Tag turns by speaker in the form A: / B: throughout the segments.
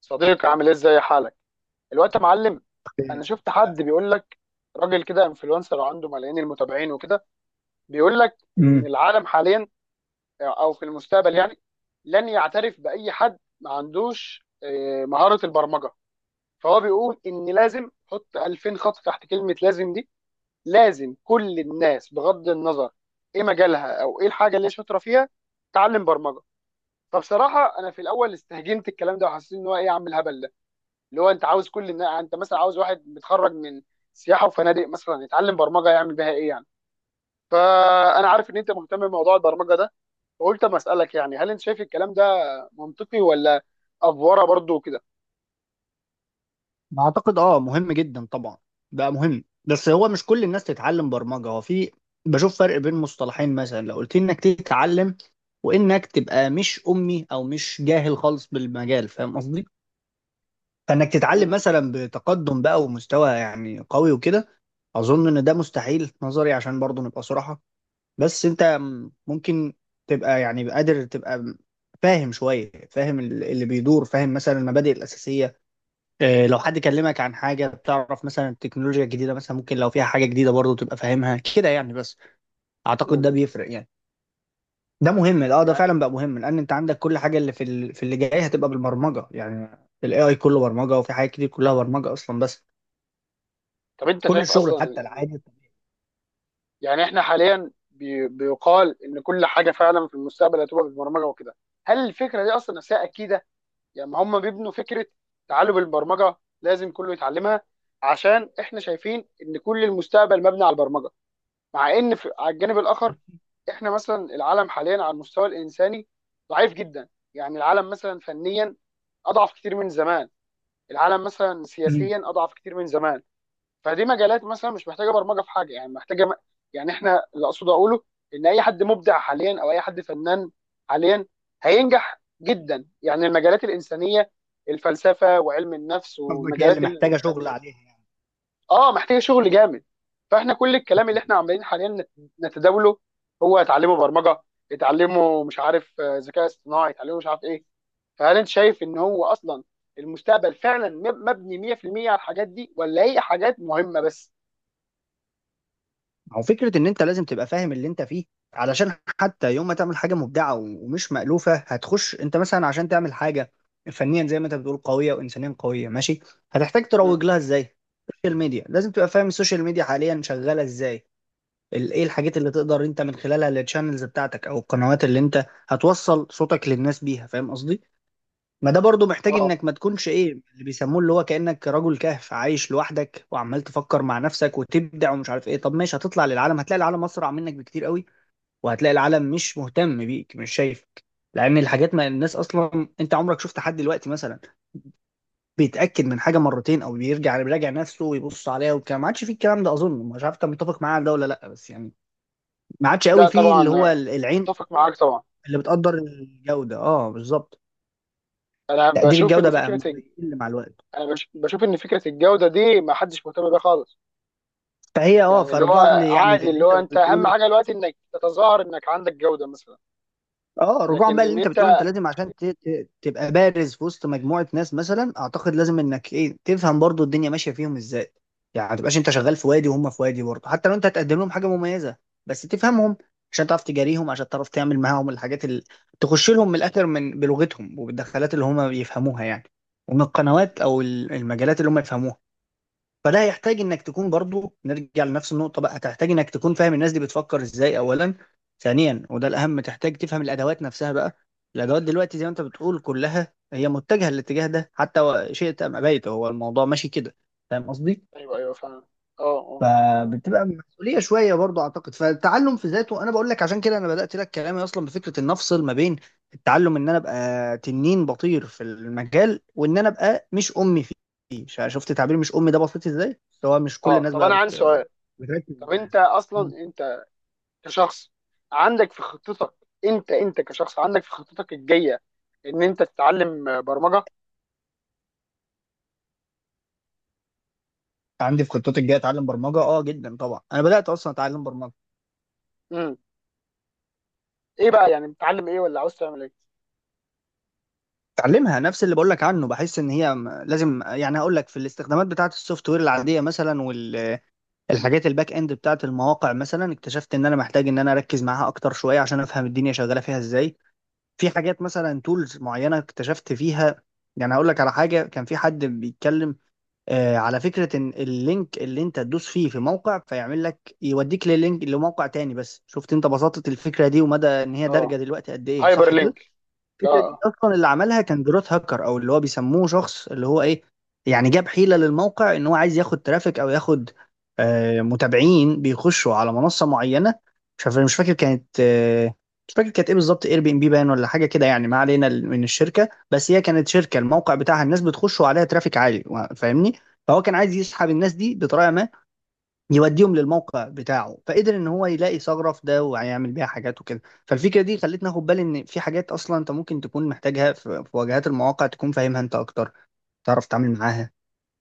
A: صديقي عامل إيه؟ ازاي حالك الوقت يا معلم. انا شفت حد بيقول لك، راجل كده انفلونسر وعنده ملايين المتابعين وكده، بيقول لك ان
B: امم
A: العالم حاليا او في المستقبل يعني لن يعترف باي حد ما عندوش مهارة البرمجة. فهو بيقول ان لازم حط 2000 خط تحت كلمة لازم دي، لازم كل الناس بغض النظر ايه مجالها او ايه الحاجة اللي هي شاطرة فيها تعلم برمجة. فبصراحة انا في الاول استهجنت الكلام ده، وحسيت ان هو ايه يا عم الهبل، اللي هو انت عاوز يعني انت مثلا عاوز واحد متخرج من سياحه وفنادق مثلا يتعلم برمجه يعمل بيها ايه يعني. فانا عارف ان انت مهتم بموضوع البرمجه ده، فقلت اما اسالك يعني هل انت شايف الكلام ده منطقي ولا افوره برضو كده.
B: اعتقد اه مهم جدا طبعا. بقى مهم، بس هو مش كل الناس تتعلم برمجه. هو في بشوف فرق بين مصطلحين، مثلا لو قلت لي انك تتعلم وانك تبقى مش امي او مش جاهل خالص بالمجال، فاهم قصدي؟ فانك تتعلم
A: امم.
B: مثلا بتقدم بقى ومستوى يعني قوي وكده، اظن ان ده مستحيل في نظري، عشان برضه نبقى صراحه. بس انت ممكن تبقى يعني قادر، تبقى فاهم شويه، فاهم اللي بيدور، فاهم مثلا المبادئ الاساسيه. لو حد كلمك عن حاجة بتعرف مثلا التكنولوجيا الجديدة، مثلا ممكن لو فيها حاجة جديدة برضه تبقى فاهمها كده يعني، بس أعتقد
A: امم.
B: ده بيفرق يعني. ده مهم، اه، ده
A: يعني
B: فعلا بقى مهم، لأن أنت عندك كل حاجة اللي في اللي جاي هتبقى بالبرمجة يعني. ال AI كله برمجة، وفي حاجات كتير كلها برمجة أصلا، بس
A: طب انت
B: كل
A: شايف
B: الشغل
A: اصلا
B: حتى
A: يعني،
B: العادي.
A: يعني احنا حاليا بيقال ان كل حاجه فعلا في المستقبل هتبقى بالبرمجه وكده. هل الفكره دي اصلا نفسها اكيده؟ يعني ما هم بيبنوا فكره تعلم البرمجه لازم كله يتعلمها، عشان احنا شايفين ان كل المستقبل مبني على البرمجه، مع ان في على الجانب الاخر احنا مثلا العالم حاليا على المستوى الانساني ضعيف جدا. يعني العالم مثلا فنيا اضعف كتير من زمان، العالم مثلا
B: مم.
A: سياسيا اضعف كتير من زمان. فدي مجالات مثلا مش محتاجه برمجه في حاجه، يعني يعني احنا اللي اقصد اقوله ان اي حد مبدع حاليا او اي حد فنان حاليا هينجح جدا، يعني المجالات الانسانيه، الفلسفه وعلم النفس
B: قصدك هي اللي
A: ومجالات
B: محتاجة
A: الفن.
B: شغل عليها يعني.
A: اه، محتاجه شغل جامد. فاحنا كل الكلام اللي احنا عمالين حاليا نتداوله هو اتعلموا برمجه، اتعلموا مش عارف ذكاء اصطناعي، اتعلموا مش عارف ايه. فهل انت شايف ان هو اصلا المستقبل فعلا مبني 100% على الحاجات دي، ولا هي حاجات مهمه بس؟
B: هو فكرة إن أنت لازم تبقى فاهم اللي أنت فيه، علشان حتى يوم ما تعمل حاجة مبدعة ومش مألوفة، هتخش أنت مثلا عشان تعمل حاجة فنيا زي ما أنت بتقول قوية وإنسانيا قوية، ماشي. هتحتاج تروج لها إزاي؟ السوشيال ميديا، لازم تبقى فاهم السوشيال ميديا حاليا شغالة إزاي؟ إيه الحاجات اللي تقدر أنت من خلالها، التشانلز بتاعتك أو القنوات اللي أنت هتوصل صوتك للناس بيها، فاهم قصدي؟ ما ده برضو محتاج
A: اه،
B: انك ما تكونش ايه اللي بيسموه، اللي هو كأنك رجل كهف عايش لوحدك وعمال تفكر مع نفسك وتبدع ومش عارف ايه. طب ماشي، هتطلع للعالم، هتلاقي العالم اسرع منك بكتير قوي، وهتلاقي العالم مش مهتم بيك، مش شايفك. لان الحاجات، ما الناس اصلا انت عمرك شفت حد دلوقتي مثلا بيتاكد من حاجه مرتين او بيرجع بيراجع نفسه ويبص عليها والكلام؟ ما عادش فيه الكلام ده، اظن، مش عارف انت متفق معايا على ده ولا لا، بس يعني ما عادش قوي
A: لا
B: فيه اللي هو
A: طبعا،
B: العين
A: اتفق معاك طبعا.
B: اللي بتقدر الجوده، اه، بالظبط.
A: انا
B: تقدير
A: بشوف ان
B: الجوده بقى
A: فكره الج-
B: بيقل مع الوقت.
A: بشوف ان فكره الجوده دي ما حدش مهتم بيها خالص.
B: فهي اه
A: يعني اللي هو
B: فرجوعا ل- يعني
A: عادي،
B: للي
A: اللي
B: انت
A: هو انت اهم
B: بتقوله،
A: حاجه دلوقتي انك تتظاهر انك عندك جوده مثلا.
B: اه، رجوعا
A: لكن
B: بقى للي
A: ان
B: انت بتقوله.
A: انت
B: انت لازم عشان تبقى بارز في وسط مجموعه ناس مثلا، اعتقد لازم انك ايه، تفهم برضو الدنيا ماشيه فيهم ازاي، يعني ما تبقاش انت شغال في وادي
A: م-
B: وهم في وادي. برضو حتى لو انت هتقدم لهم حاجه مميزه، بس تفهمهم، عشان تعرف تجاريهم، عشان تعرف تعمل معاهم الحاجات اللي تخش لهم من الاخر، من بلغتهم وبالدخلات اللي هم بيفهموها يعني، ومن القنوات
A: م-
B: او المجالات اللي هم يفهموها. فده هيحتاج انك تكون، برضو نرجع لنفس النقطة بقى، هتحتاج انك تكون فاهم الناس دي بتفكر ازاي اولا. ثانيا وده الاهم، تحتاج تفهم الادوات نفسها بقى. الادوات دلوقتي زي ما انت بتقول كلها هي متجهة للاتجاه ده، حتى شئت ام ابيت، هو الموضوع ماشي كده، فاهم قصدي؟
A: ايوه ايوه فعلا. اه اه.
B: فبتبقى مسؤوليه شويه برضو اعتقد، فالتعلم في ذاته، انا بقول لك عشان كده انا بدات لك كلامي اصلا بفكره ان افصل ما بين التعلم، ان انا ابقى تنين بطير في المجال، وان انا ابقى مش امي فيه. شفت تعبير مش امي ده بسيط ازاي، هو مش كل
A: اه،
B: الناس
A: طب
B: بقى
A: انا عندي
B: بت...
A: سؤال.
B: بتركز
A: طب
B: معاه.
A: انت اصلا انت كشخص عندك في خطتك، انت كشخص عندك في خطتك الجايه ان انت تتعلم برمجه.
B: عندي في خطتي الجايه اتعلم برمجه، اه جدا طبعا، انا بدات اصلا اتعلم برمجه.
A: امم. ايه بقى، يعني بتتعلم ايه ولا عاوز تعمل ايه؟
B: اتعلمها نفس اللي بقول لك عنه، بحس ان هي لازم يعني، هقول لك في الاستخدامات بتاعه السوفت وير العاديه مثلا، الحاجات الباك اند بتاعت المواقع مثلا، اكتشفت ان انا محتاج ان انا اركز معاها اكتر شويه عشان افهم الدنيا شغاله فيها ازاي. في حاجات مثلا، تولز معينه اكتشفت فيها، يعني هقول لك على حاجه. كان في حد بيتكلم آه على فكره ان اللينك اللي انت تدوس فيه في موقع فيعمل لك، يوديك للينك لموقع تاني. بس شفت انت بساطه الفكره دي ومدى ان هي دارجه
A: اه،
B: دلوقتي قد ايه؟
A: هايبر
B: صح كده.
A: لينك.
B: الفكره دي
A: اه.
B: اصلا اللي عملها كان جروث هاكر، او اللي هو بيسموه شخص اللي هو ايه، يعني جاب حيله للموقع ان هو عايز ياخد ترافيك او ياخد متابعين بيخشوا على منصه معينه. مش عارف مش فاكر كانت مش فاكر كانت ايه بالظبط، اير بي ام بي باين ولا حاجه كده يعني، ما علينا من الشركه، بس هي كانت شركه الموقع بتاعها الناس بتخش عليها ترافيك عالي، فاهمني؟ فهو كان عايز يسحب الناس دي بطريقه ما، يوديهم للموقع بتاعه، فقدر ان هو يلاقي ثغره في ده، وهيعمل بيها حاجات وكده. فالفكره دي خلتني اخد بالي ان في حاجات اصلا انت ممكن تكون محتاجها في واجهات المواقع تكون فاهمها انت اكتر، تعرف تتعامل معاها.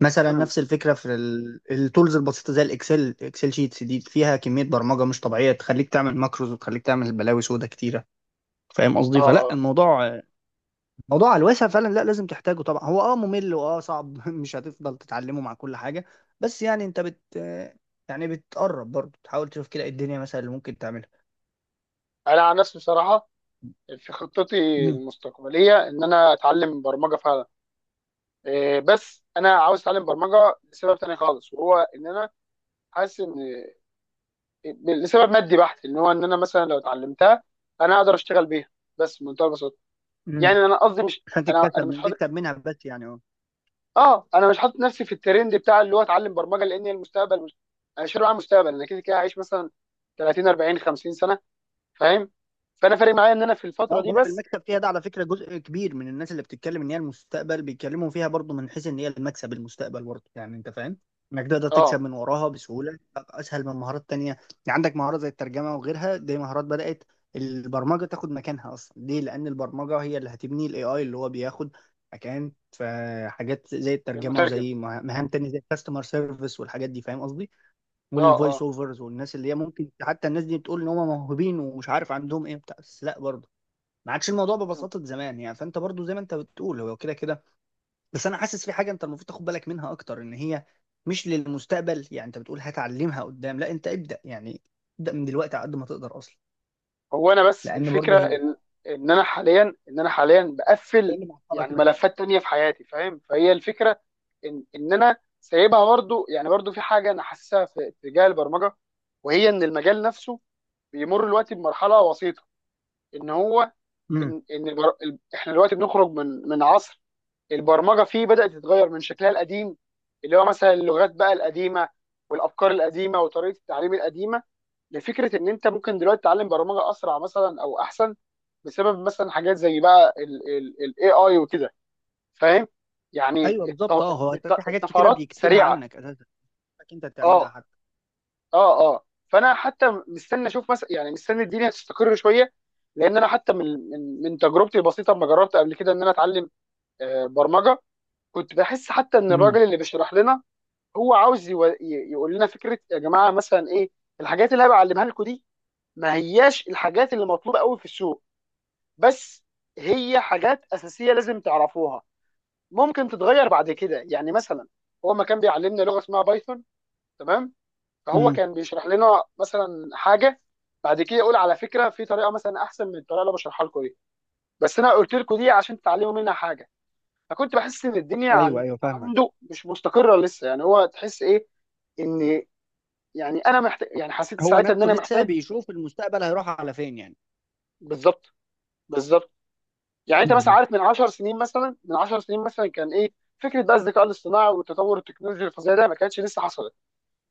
B: مثلا
A: مم.
B: نفس الفكره في التولز البسيطه، زي اكسل شيتس، دي فيها كميه برمجه مش طبيعيه، تخليك تعمل ماكروز وتخليك تعمل بلاوي سودا كتيره، فاهم
A: اه
B: قصدي؟ فلا
A: اه.
B: الموضوع، موضوع على الواسع فعلا، لا لازم تحتاجه طبعا، هو اه ممل واه صعب مش هتفضل تتعلمه مع كل حاجه، بس يعني انت بت آه، يعني بتقرب برضه تحاول تشوف كده إيه الدنيا مثلا اللي ممكن تعملها.
A: انا عن نفسي بصراحه في خطتي
B: امم
A: المستقبليه ان انا اتعلم برمجه فعلا. إيه، بس انا عاوز اتعلم برمجه لسبب تاني خالص، وهو ان انا حاسس ان، لسبب مادي بحت، ان هو ان انا مثلا لو اتعلمتها انا اقدر اشتغل بيها بس بمنتهى البساطه. يعني
B: امم
A: انا قصدي مش
B: عشان
A: انا
B: تتكسب،
A: انا مش
B: من
A: حاطط.
B: تكسب منها بس يعني،
A: اه، انا مش حاطط نفسي في الترند بتاع اللي هو اتعلم برمجه لان هي المستقبل، مش... انا مش على المستقبل، انا كده كده عايش مثلا 30 40 50 سنه، فاهم؟ فانا فارق معايا ان انا في الفتره
B: اه
A: دي
B: جانب
A: بس.
B: المكسب فيها ده على فكرة، جزء كبير من الناس اللي بتتكلم ان هي المستقبل بيتكلموا فيها برضو من حيث ان هي المكسب، المستقبل برضو، يعني انت فاهم انك تقدر تكسب
A: اه.
B: من وراها بسهولة بقى، اسهل من مهارات تانية يعني. عندك مهارة زي الترجمة وغيرها، دي مهارات بدأت البرمجة تاخد مكانها اصلا. ليه؟ لان البرمجة هي اللي هتبني الاي اي، اللي هو بياخد مكان في حاجات زي الترجمة
A: المترجم.
B: وزي مهام تانية زي الكاستمر سيرفيس والحاجات دي، فاهم قصدي؟
A: اه
B: والفويس
A: اه.
B: اوفرز، والناس اللي هي ممكن، حتى الناس دي بتقول ان هم موهوبين ومش عارف عندهم ايه بتاع، بس لا برضه ما عادش الموضوع
A: مم.
B: ببساطه زمان يعني. فانت برضو زي ما انت بتقول هو كده كده، بس انا حاسس في حاجه انت المفروض تاخد بالك منها اكتر، ان هي مش للمستقبل يعني، انت بتقول هتعلمها قدام، لا انت ابدا يعني، ابدا من دلوقتي على قد ما تقدر اصلا،
A: هو انا بس
B: لان برضو
A: الفكره
B: هي،
A: ان انا حاليا ان انا حاليا
B: إيه
A: بقفل
B: اللي معطلك
A: يعني
B: مثلا؟
A: ملفات تانية في حياتي، فاهم؟ فهي الفكره ان انا سايبها برضو، يعني برضو في حاجه انا حاسسها في اتجاه البرمجه، وهي ان المجال نفسه بيمر دلوقتي بمرحله وسيطه، ان هو
B: امم
A: ان ان البر... ال- احنا دلوقتي بنخرج من عصر البرمجه فيه، بدات تتغير من شكلها القديم، اللي هو مثلا اللغات بقى القديمه والافكار القديمه وطريقه التعليم القديمه، لفكره ان انت ممكن دلوقتي تتعلم برمجه اسرع مثلا او احسن بسبب مثلا حاجات زي بقى الاي اي وكده، فاهم؟ يعني
B: ايوه بالظبط، اه، هو في حاجات كتيره
A: الطفرات
B: بيكتبها
A: سريعه.
B: عنك اساسا، إنك انت تعملها
A: اه
B: حتى.
A: اه. اه، فانا حتى مستني اشوف مثلا، يعني مستني الدنيا تستقر شويه، لان انا حتى من تجربتي البسيطه لما جربت قبل كده ان انا اتعلم برمجه، كنت بحس حتى ان
B: امم
A: الراجل اللي بيشرح لنا هو عاوز يقول لنا فكره يا جماعه، مثلا ايه الحاجات اللي انا بعلمها لكم دي؟ ما هياش الحاجات اللي مطلوبه قوي في السوق، بس هي حاجات اساسيه لازم تعرفوها، ممكن تتغير بعد كده يعني مثلا. هو ما كان بيعلمنا لغه اسمها بايثون، تمام؟ فهو
B: امم
A: كان بيشرح لنا مثلا حاجه بعد كده يقول: على فكره في طريقه مثلا احسن من الطريقه اللي أنا بشرحها لكم دي، بس انا قلت لكم دي عشان تتعلموا منها حاجه. فكنت بحس ان الدنيا
B: ايوه ايوه فاهمك.
A: عنده مش مستقره لسه، يعني هو تحس ايه؟ ان، يعني انا محتاج، يعني حسيت
B: هو
A: ساعتها ان
B: نفسه
A: انا
B: لسه
A: محتاج.
B: بيشوف المستقبل هيروح على فين يعني.
A: بالظبط بالظبط. يعني انت مثلا
B: مم.
A: عارف من 10 سنين مثلا، من 10 سنين مثلا كان ايه فكره بقى الذكاء الاصطناعي والتطور التكنولوجي الفظيع ده؟ ما كانتش لسه حصلت.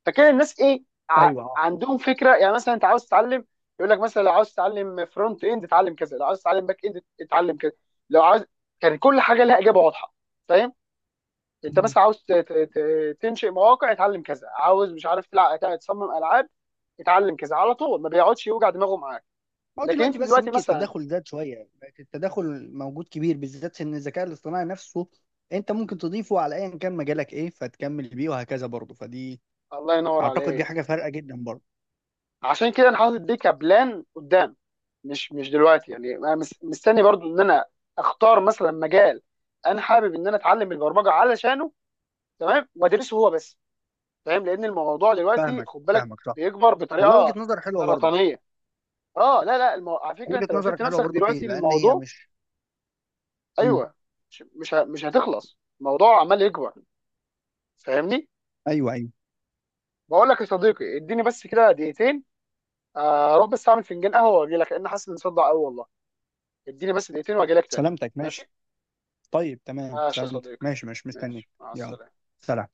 A: فكان الناس ايه، ع...
B: ايوه، اه.
A: عندهم فكره، يعني مثلا انت عاوز تتعلم، يقول لك مثلا لو عاوز تتعلم فرونت اند اتعلم كذا، لو عاوز تتعلم باك اند اتعلم كذا، لو عاوز، كان كل حاجه لها اجابه واضحه، فاهم؟ انت مثلا عاوز تنشئ مواقع اتعلم كذا، عاوز مش عارف تصمم العاب اتعلم كذا، على طول ما بيقعدش يوجع دماغه معاك.
B: هو
A: لكن
B: دلوقتي
A: انت
B: بس
A: دلوقتي
B: ممكن
A: مثلا،
B: التداخل زاد شويه يعني، بقت التداخل موجود كبير، بالذات ان الذكاء الاصطناعي نفسه انت ممكن تضيفه على ايا كان مجالك ايه، فتكمل بيه وهكذا برضه. فدي
A: الله ينور
B: اعتقد دي
A: عليك،
B: حاجه فارقه جدا برضه.
A: عشان كده انا حاطط دي كبلان قدام، مش دلوقتي، يعني انا مستني برضو ان انا اختار مثلا مجال انا حابب ان انا اتعلم البرمجه علشانه تمام، وادرسه هو بس، فاهم؟ لان الموضوع دلوقتي
B: فاهمك
A: خد بالك
B: فاهمك، صح.
A: بيكبر
B: والله
A: بطريقه
B: وجهه نظر حلوه برضه.
A: سرطانيه. اه لا لا، على فكره
B: وجهه
A: انت لو سبت
B: نظرك حلوه
A: نفسك
B: برضه فيه،
A: دلوقتي
B: لان هي
A: للموضوع،
B: مش. مم.
A: ايوه، مش هتخلص، الموضوع عمال يكبر، فاهمني؟
B: ايوه ايوه.
A: بقول لك يا صديقي، اديني بس كده دقيقتين، اروح بس اعمل فنجان قهوه واجي لك، لان حاسس اني مصدع قوي والله. اديني بس دقيقتين واجي لك تاني.
B: سلامتك،
A: ماشي.
B: ماشي. طيب تمام،
A: ماشي يا
B: سلامتك،
A: صديقي.
B: ماشي ماشي، مستنيك.
A: ماشي، مع
B: يلا،
A: السلامة.
B: سلام.